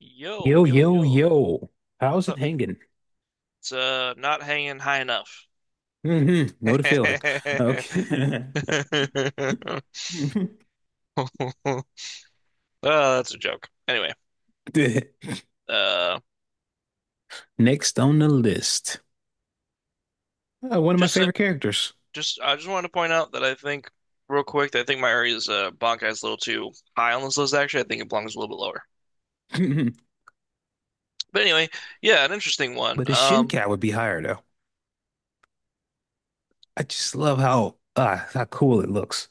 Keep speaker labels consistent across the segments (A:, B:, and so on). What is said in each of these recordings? A: Yo,
B: Yo,
A: yo,
B: yo,
A: yo.
B: yo.
A: What's
B: How's it
A: up?
B: hanging?
A: It's not hanging high enough.
B: Hmm Know the feeling. Okay.
A: Oh, that's a joke. Anyway, uh
B: Next on the list.
A: just uh, just I just wanted to point out that I think real quick that I think my area is Bankai's a little too high on this list, actually. I think it belongs a little bit lower. But anyway, yeah, an interesting one.
B: But his shin cap would be higher though. I just love how cool it looks.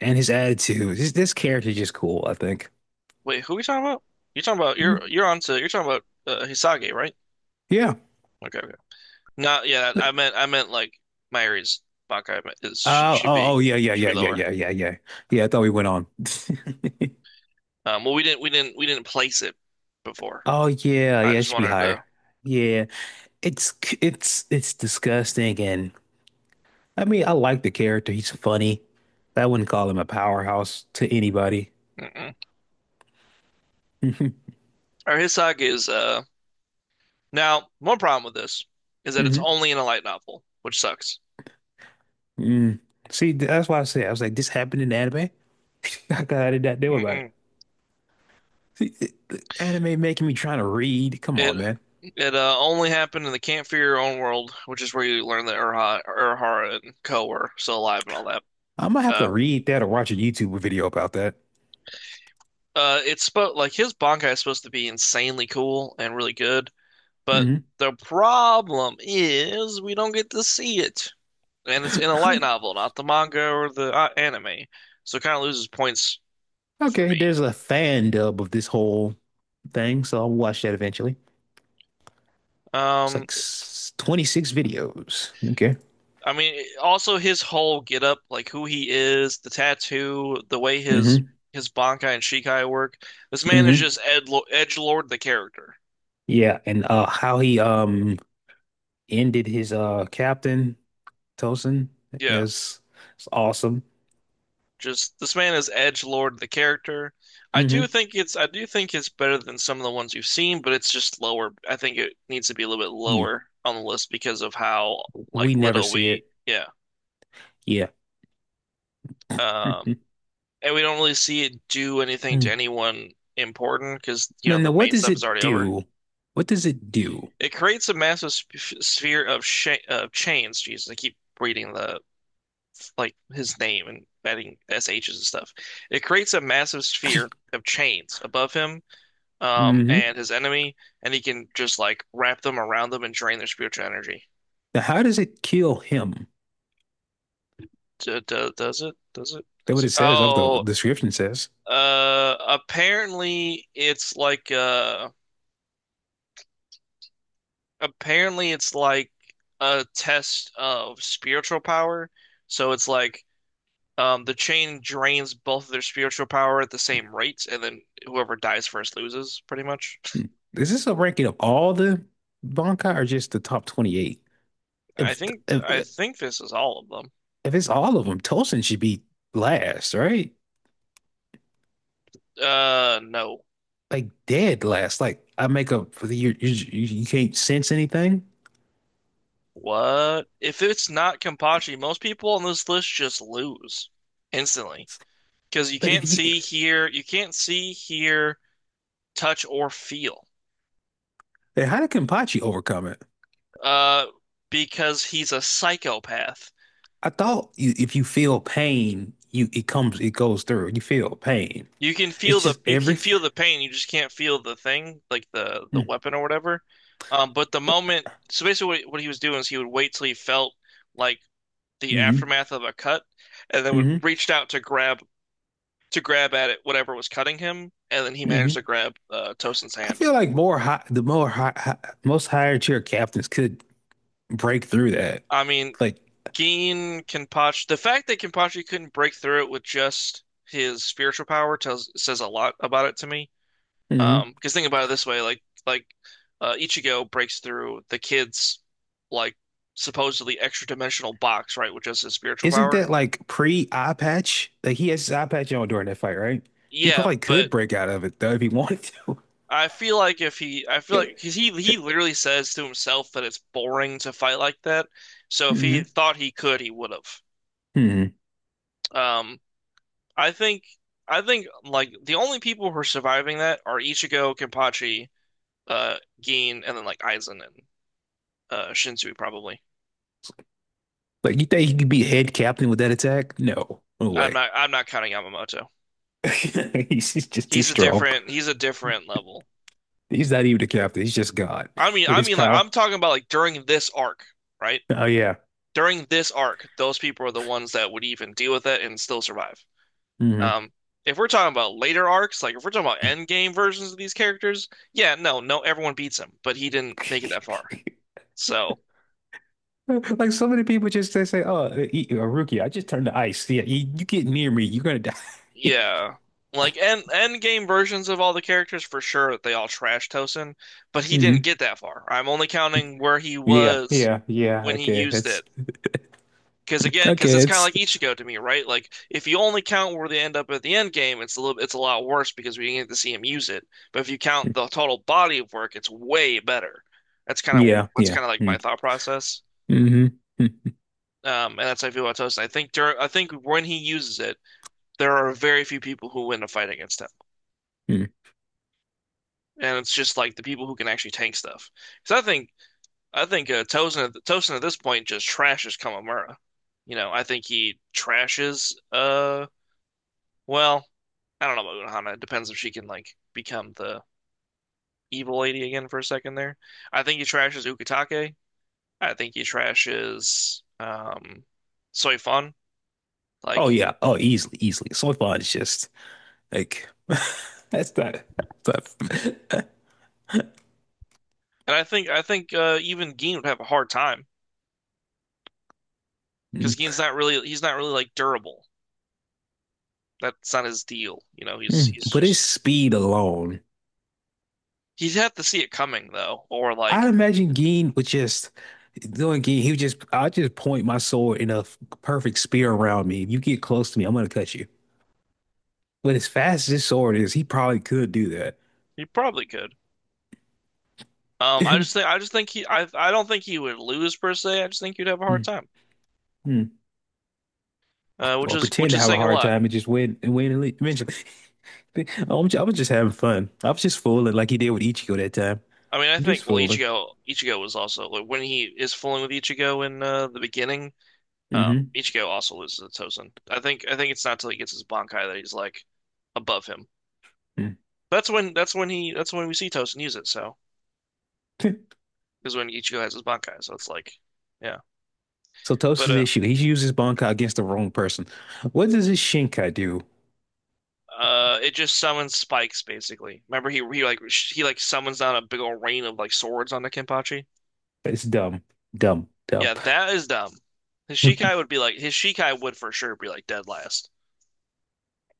B: And his attitude. This character is just cool, I think.
A: Wait, who are we talking about? You're talking about,
B: Mm,
A: Hisage, right?
B: yeah.
A: Okay, okay. Not, yeah, I meant, like Myri's Bankai is, should,
B: Oh,
A: should
B: oh, oh,
A: be
B: yeah, yeah,
A: should be
B: yeah, yeah,
A: lower.
B: yeah, yeah, yeah. Yeah, I thought we went on.
A: Well, we didn't place it before.
B: Oh yeah,
A: I
B: yeah, it
A: just
B: should be
A: wanted
B: higher.
A: to.
B: Yeah. It's c- it's disgusting and I mean, I like the character. He's funny. I wouldn't call him a powerhouse to anybody.
A: Mm-mm.
B: Hmm
A: Our Hisaki is, now one problem with this is that it's
B: hmm
A: only in a light novel, which sucks.
B: Mm. See, that's why I said, I was like, this happened in anime. I did not know about it.
A: Mm-mm.
B: See, the anime making me trying to read. Come
A: It
B: on, man.
A: it only happened in the Can't Your Own World, which is where you learn that Urhara and Ko are still alive and all that.
B: I am gonna have to
A: Uh,
B: read that or watch a YouTube video about that.
A: it's spo like his Bankai is supposed to be insanely cool and really good, but
B: Hmm
A: the problem is we don't get to see it, and it's in a light novel, not the manga or the anime. So it kind of loses points for
B: Okay,
A: me.
B: there's a fan dub of this whole thing, so I'll watch that eventually. It's
A: Um,
B: like 26 videos. Okay.
A: I mean, also his whole getup, like who he is, the tattoo, the way his
B: hmm
A: his Bankai and Shikai work. This man is
B: hmm
A: just Ed edgelord the character.
B: Yeah, and how he ended his captain Tosin.
A: Yeah.
B: It's it's awesome.
A: Just this man is Edge Lord the character. I do
B: Hmm
A: think it's I do think it's better than some of the ones you've seen, but it's just lower. I think it needs to be a little bit lower on the list because of how, like,
B: We never
A: little
B: see
A: we,
B: it.
A: yeah.
B: Yeah.
A: Um and we don't really see it do anything to
B: Mm.
A: anyone important, because, you
B: now
A: know, the
B: no. What
A: main
B: does
A: stuff
B: it
A: is already over.
B: do? What does it do?
A: It creates a massive sp sphere of sh of chains. Jesus, I keep reading the, like, his name and adding SH's and stuff. It creates a massive sphere of chains above him,
B: Hmm
A: and his enemy, and he can just, like, wrap them around them and drain their spiritual energy.
B: Now, how does it kill him? That's
A: Does
B: what it
A: it?
B: says. That's what the
A: Oh,
B: description says.
A: apparently it's like, apparently it's like a test of spiritual power. So it's like, the chain drains both of their spiritual power at the same rate, and then whoever dies first loses, pretty much.
B: Hmm. Is this a ranking of all the Bankai or just the top 28?
A: I
B: If
A: think I
B: if
A: think this is all of them.
B: if it's all of them, Tosin should be last, right?
A: No.
B: Like dead last. Like I make up for the you can't sense anything.
A: What? If it's not Kenpachi, most people on this list just lose instantly, because
B: But if you,
A: you can't see, hear, touch, or feel.
B: then how did Kenpachi overcome it?
A: Uh, because he's a psychopath.
B: I thought you, if you feel pain, you it comes, it goes through. You feel pain. It's just
A: You
B: every.
A: can feel the pain, you just can't feel the thing, like the weapon
B: Mm-hmm,
A: or whatever. But the moment, so basically, what he was doing is he would wait till he felt, like, the aftermath of a cut, and then would
B: mm-hmm,
A: reached out to grab at it, whatever was cutting him, and then he
B: mm-hmm.
A: managed to grab Tosin's
B: I
A: hand.
B: feel like more high, the more high, high, most higher tier captains could break through that.
A: I mean,
B: Like,
A: Geen Kenpachi, the fact that Kenpachi couldn't break through it with just his spiritual power tells says a lot about it to me.
B: hmm
A: Because think about it this way, like, Ichigo breaks through the kid's, like, supposedly extra dimensional box, right, with just his spiritual
B: isn't
A: power.
B: that like pre eye patch? Like he has his eye patch on during that fight, right? He
A: Yeah,
B: probably
A: but
B: could break out of it though if he wanted to.
A: I feel like if he, I feel
B: Yeah.
A: like because he literally says to himself that it's boring to fight like that. So if he
B: hmm
A: thought he could, he would have.
B: hmm
A: Um, I think like the only people who are surviving that are Ichigo, Kenpachi, Gin, and then like Aizen and Shinzui probably.
B: Like, you think he could be head captain with that attack? No, no
A: I'm
B: way.
A: not I'm not counting Yamamoto.
B: He's just too strong.
A: He's a different level.
B: He's not even the captain. He's just God
A: I mean
B: with
A: I
B: his
A: mean like
B: power.
A: I'm talking about, like, during this arc, right?
B: Oh yeah.
A: During this arc, those people are the ones that would even deal with it and still survive.
B: hmm
A: Um, if we're talking about later arcs, like if we're talking about end game versions of these characters, yeah, no, no, everyone beats him, but he didn't make it that far. So,
B: Like so many people just they say, "Oh, rookie, I just turned to ice. Yeah, you get near me, you're gonna die."
A: yeah, like end game versions of all the characters for sure they all trash Tosin, but he didn't
B: hmm
A: get that far. I'm only counting where he
B: Yeah,
A: was
B: yeah, yeah.
A: when he
B: Okay,
A: used
B: that's
A: it. Because, again, because
B: okay.
A: it's kind of
B: It's
A: like Ichigo to me, right? Like if you only count where they end up at the end game, it's a little, it's a lot worse because we didn't get to see him use it. But if you count the total body of work, it's way better.
B: yeah,
A: That's
B: yeah.
A: kind of like my
B: Mm-hmm.
A: thought process,
B: mm
A: and that's how I feel about Tosin. I think when he uses it, there are very few people who win a fight against him, and it's just, like, the people who can actually tank stuff. Because I think Tosin at this point just trashes Kamamura. You know, I think he trashes Well, I don't know about Unohana. It depends if she can, like, become the evil lady again for a second there. I think he trashes Ukitake. I think he trashes Soifun.
B: Oh
A: Like,
B: yeah. Oh, easily, easily. So far, it's just like that's not that's not.
A: and I think even Gin would have a hard time
B: Mm.
A: because Gin's not really he's not really, like, durable. That's not his deal. You know,
B: Mm.
A: he's
B: But his
A: just,
B: speed alone.
A: he'd have to see it coming though, or
B: I'd
A: like
B: imagine Gene would just doing Gene, he would just I'd just point my sword in a perfect spear around me. If you get close to me, I'm gonna cut you. But as fast as his sword is, he probably could do that.
A: he probably could. I just think he I don't think he would lose per se. I just think he'd have a hard
B: Hmm,
A: time,
B: hmm.
A: which
B: Or
A: is,
B: pretend
A: which
B: to
A: is
B: have a
A: saying a
B: hard
A: lot.
B: time and just win and win and leave eventually. I was just having fun. I was just fooling like he did with Ichigo that time.
A: I mean, I
B: I'm just
A: think, well,
B: fooling.
A: Ichigo was also, like, when he is fooling with Ichigo in, the beginning.
B: Mm-hmm.
A: Ichigo also loses to Tozen. I think it's not till he gets his Bankai that he's, like, above him.
B: hmm
A: That's when we see Tozen use it. So
B: Mm.
A: is when Ichigo has his Bankai. So it's like, yeah.
B: So
A: But
B: Tosa's
A: uh,
B: issue, he's used his Bankai against the wrong person. What does his Shinkai do?
A: uh, it just summons spikes, basically. Remember, he like summons down a big old rain of, like, swords on the Kenpachi.
B: It's dumb, dumb, dumb.
A: Yeah, that is dumb. His Shikai would be like his Shikai would for sure be like dead last.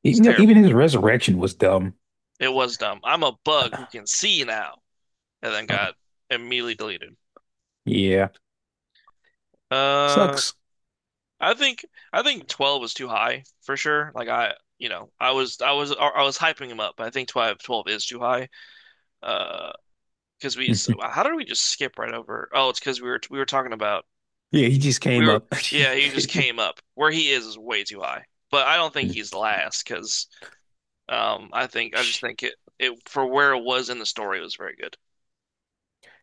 B: You
A: It's
B: know, even
A: terrible.
B: his resurrection was dumb.
A: It was dumb. I'm a bug
B: Uh,
A: who can see now, and then
B: uh,
A: got immediately deleted.
B: yeah,
A: Uh,
B: sucks.
A: I think 12 was too high for sure. Like, I, you know, I was I was I was hyping him up, but I think twelve is too high. Uh, because we so how did we just skip right over? Oh, it's because we were talking about,
B: Yeah, he just
A: we
B: came
A: were
B: up.
A: yeah, he just came up where he is way too high. But I don't think he's last because I think I just think it, for where it was in the story, it was very good.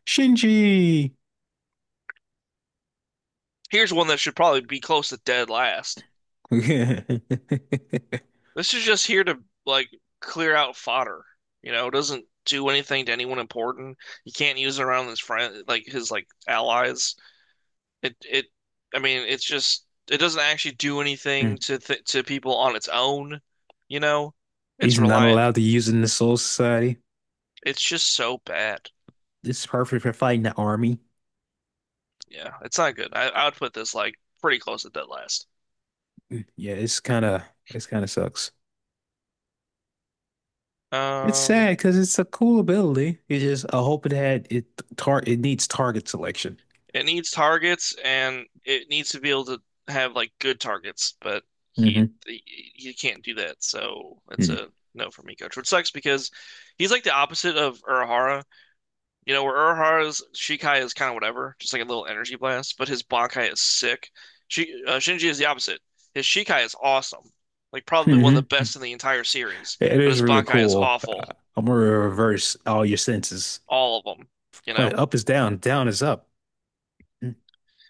B: Shinji.
A: Here's one that should probably be close to dead last.
B: Mm.
A: This is just here to, like, clear out fodder. You know, it doesn't do anything to anyone important. You can't use it around his friend, like his, like, allies. It it, I mean, it's just, it doesn't actually do anything to th to people on its own. You know, it's
B: He's not
A: reliant.
B: allowed to use it in the Soul Society.
A: It's just so bad.
B: It's perfect for fighting the army.
A: Yeah, it's not good. I would put this, like, pretty close to dead last.
B: Mm, yeah, it's kind of sucks. It's
A: Um,
B: sad because it's a cool ability. It's just I hope it had it tar it needs target selection.
A: It needs targets and it needs to be able to have, like, good targets, but he
B: Hmm
A: he, he can't do that. So it's a no for me, coach. Which sucks because he's, like, the opposite of Urahara. You know, where Urahara's Shikai is kind of whatever, just like a little energy blast, but his Bankai is sick. Shinji is the opposite. His Shikai is awesome, like probably one of the
B: Mm-hmm.
A: best in the entire series,
B: It
A: but
B: is
A: his
B: really
A: Bankai is
B: cool.
A: awful,
B: I'm gonna reverse all your senses.
A: all of them, you know?
B: Like up is down, down is up. You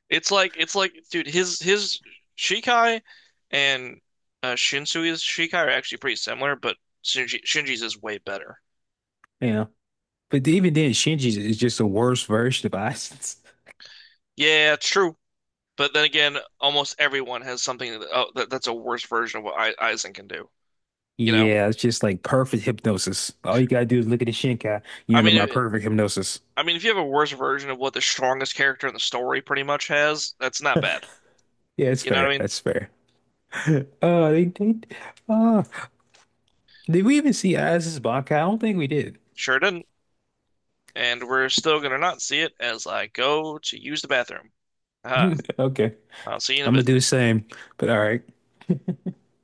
A: It's like, dude, his Shikai and Shinsuke's Shikai are actually pretty similar, but Shinji's is way better.
B: know, but even then, Shinji is just the worst version of Aizen.
A: Yeah, true. But then again, almost everyone has something that, oh, that's a worse version of what Aizen can do. You know,
B: Yeah, it's just like perfect hypnosis. All you gotta do is look at the Shinkai. You
A: I
B: under my
A: mean,
B: perfect hypnosis.
A: if you have a worse version of what the strongest character in the story pretty much has, that's not bad.
B: Yeah, it's
A: You know what
B: fair.
A: I mean?
B: That's fair. They uh, did we even see Aizen's Bankai? I don't think we did.
A: Sure didn't. And we're still gonna not see it as I go to use the bathroom. Aha.
B: Okay,
A: I'll see you in a
B: I'm gonna
A: bit.
B: do the same. But all right.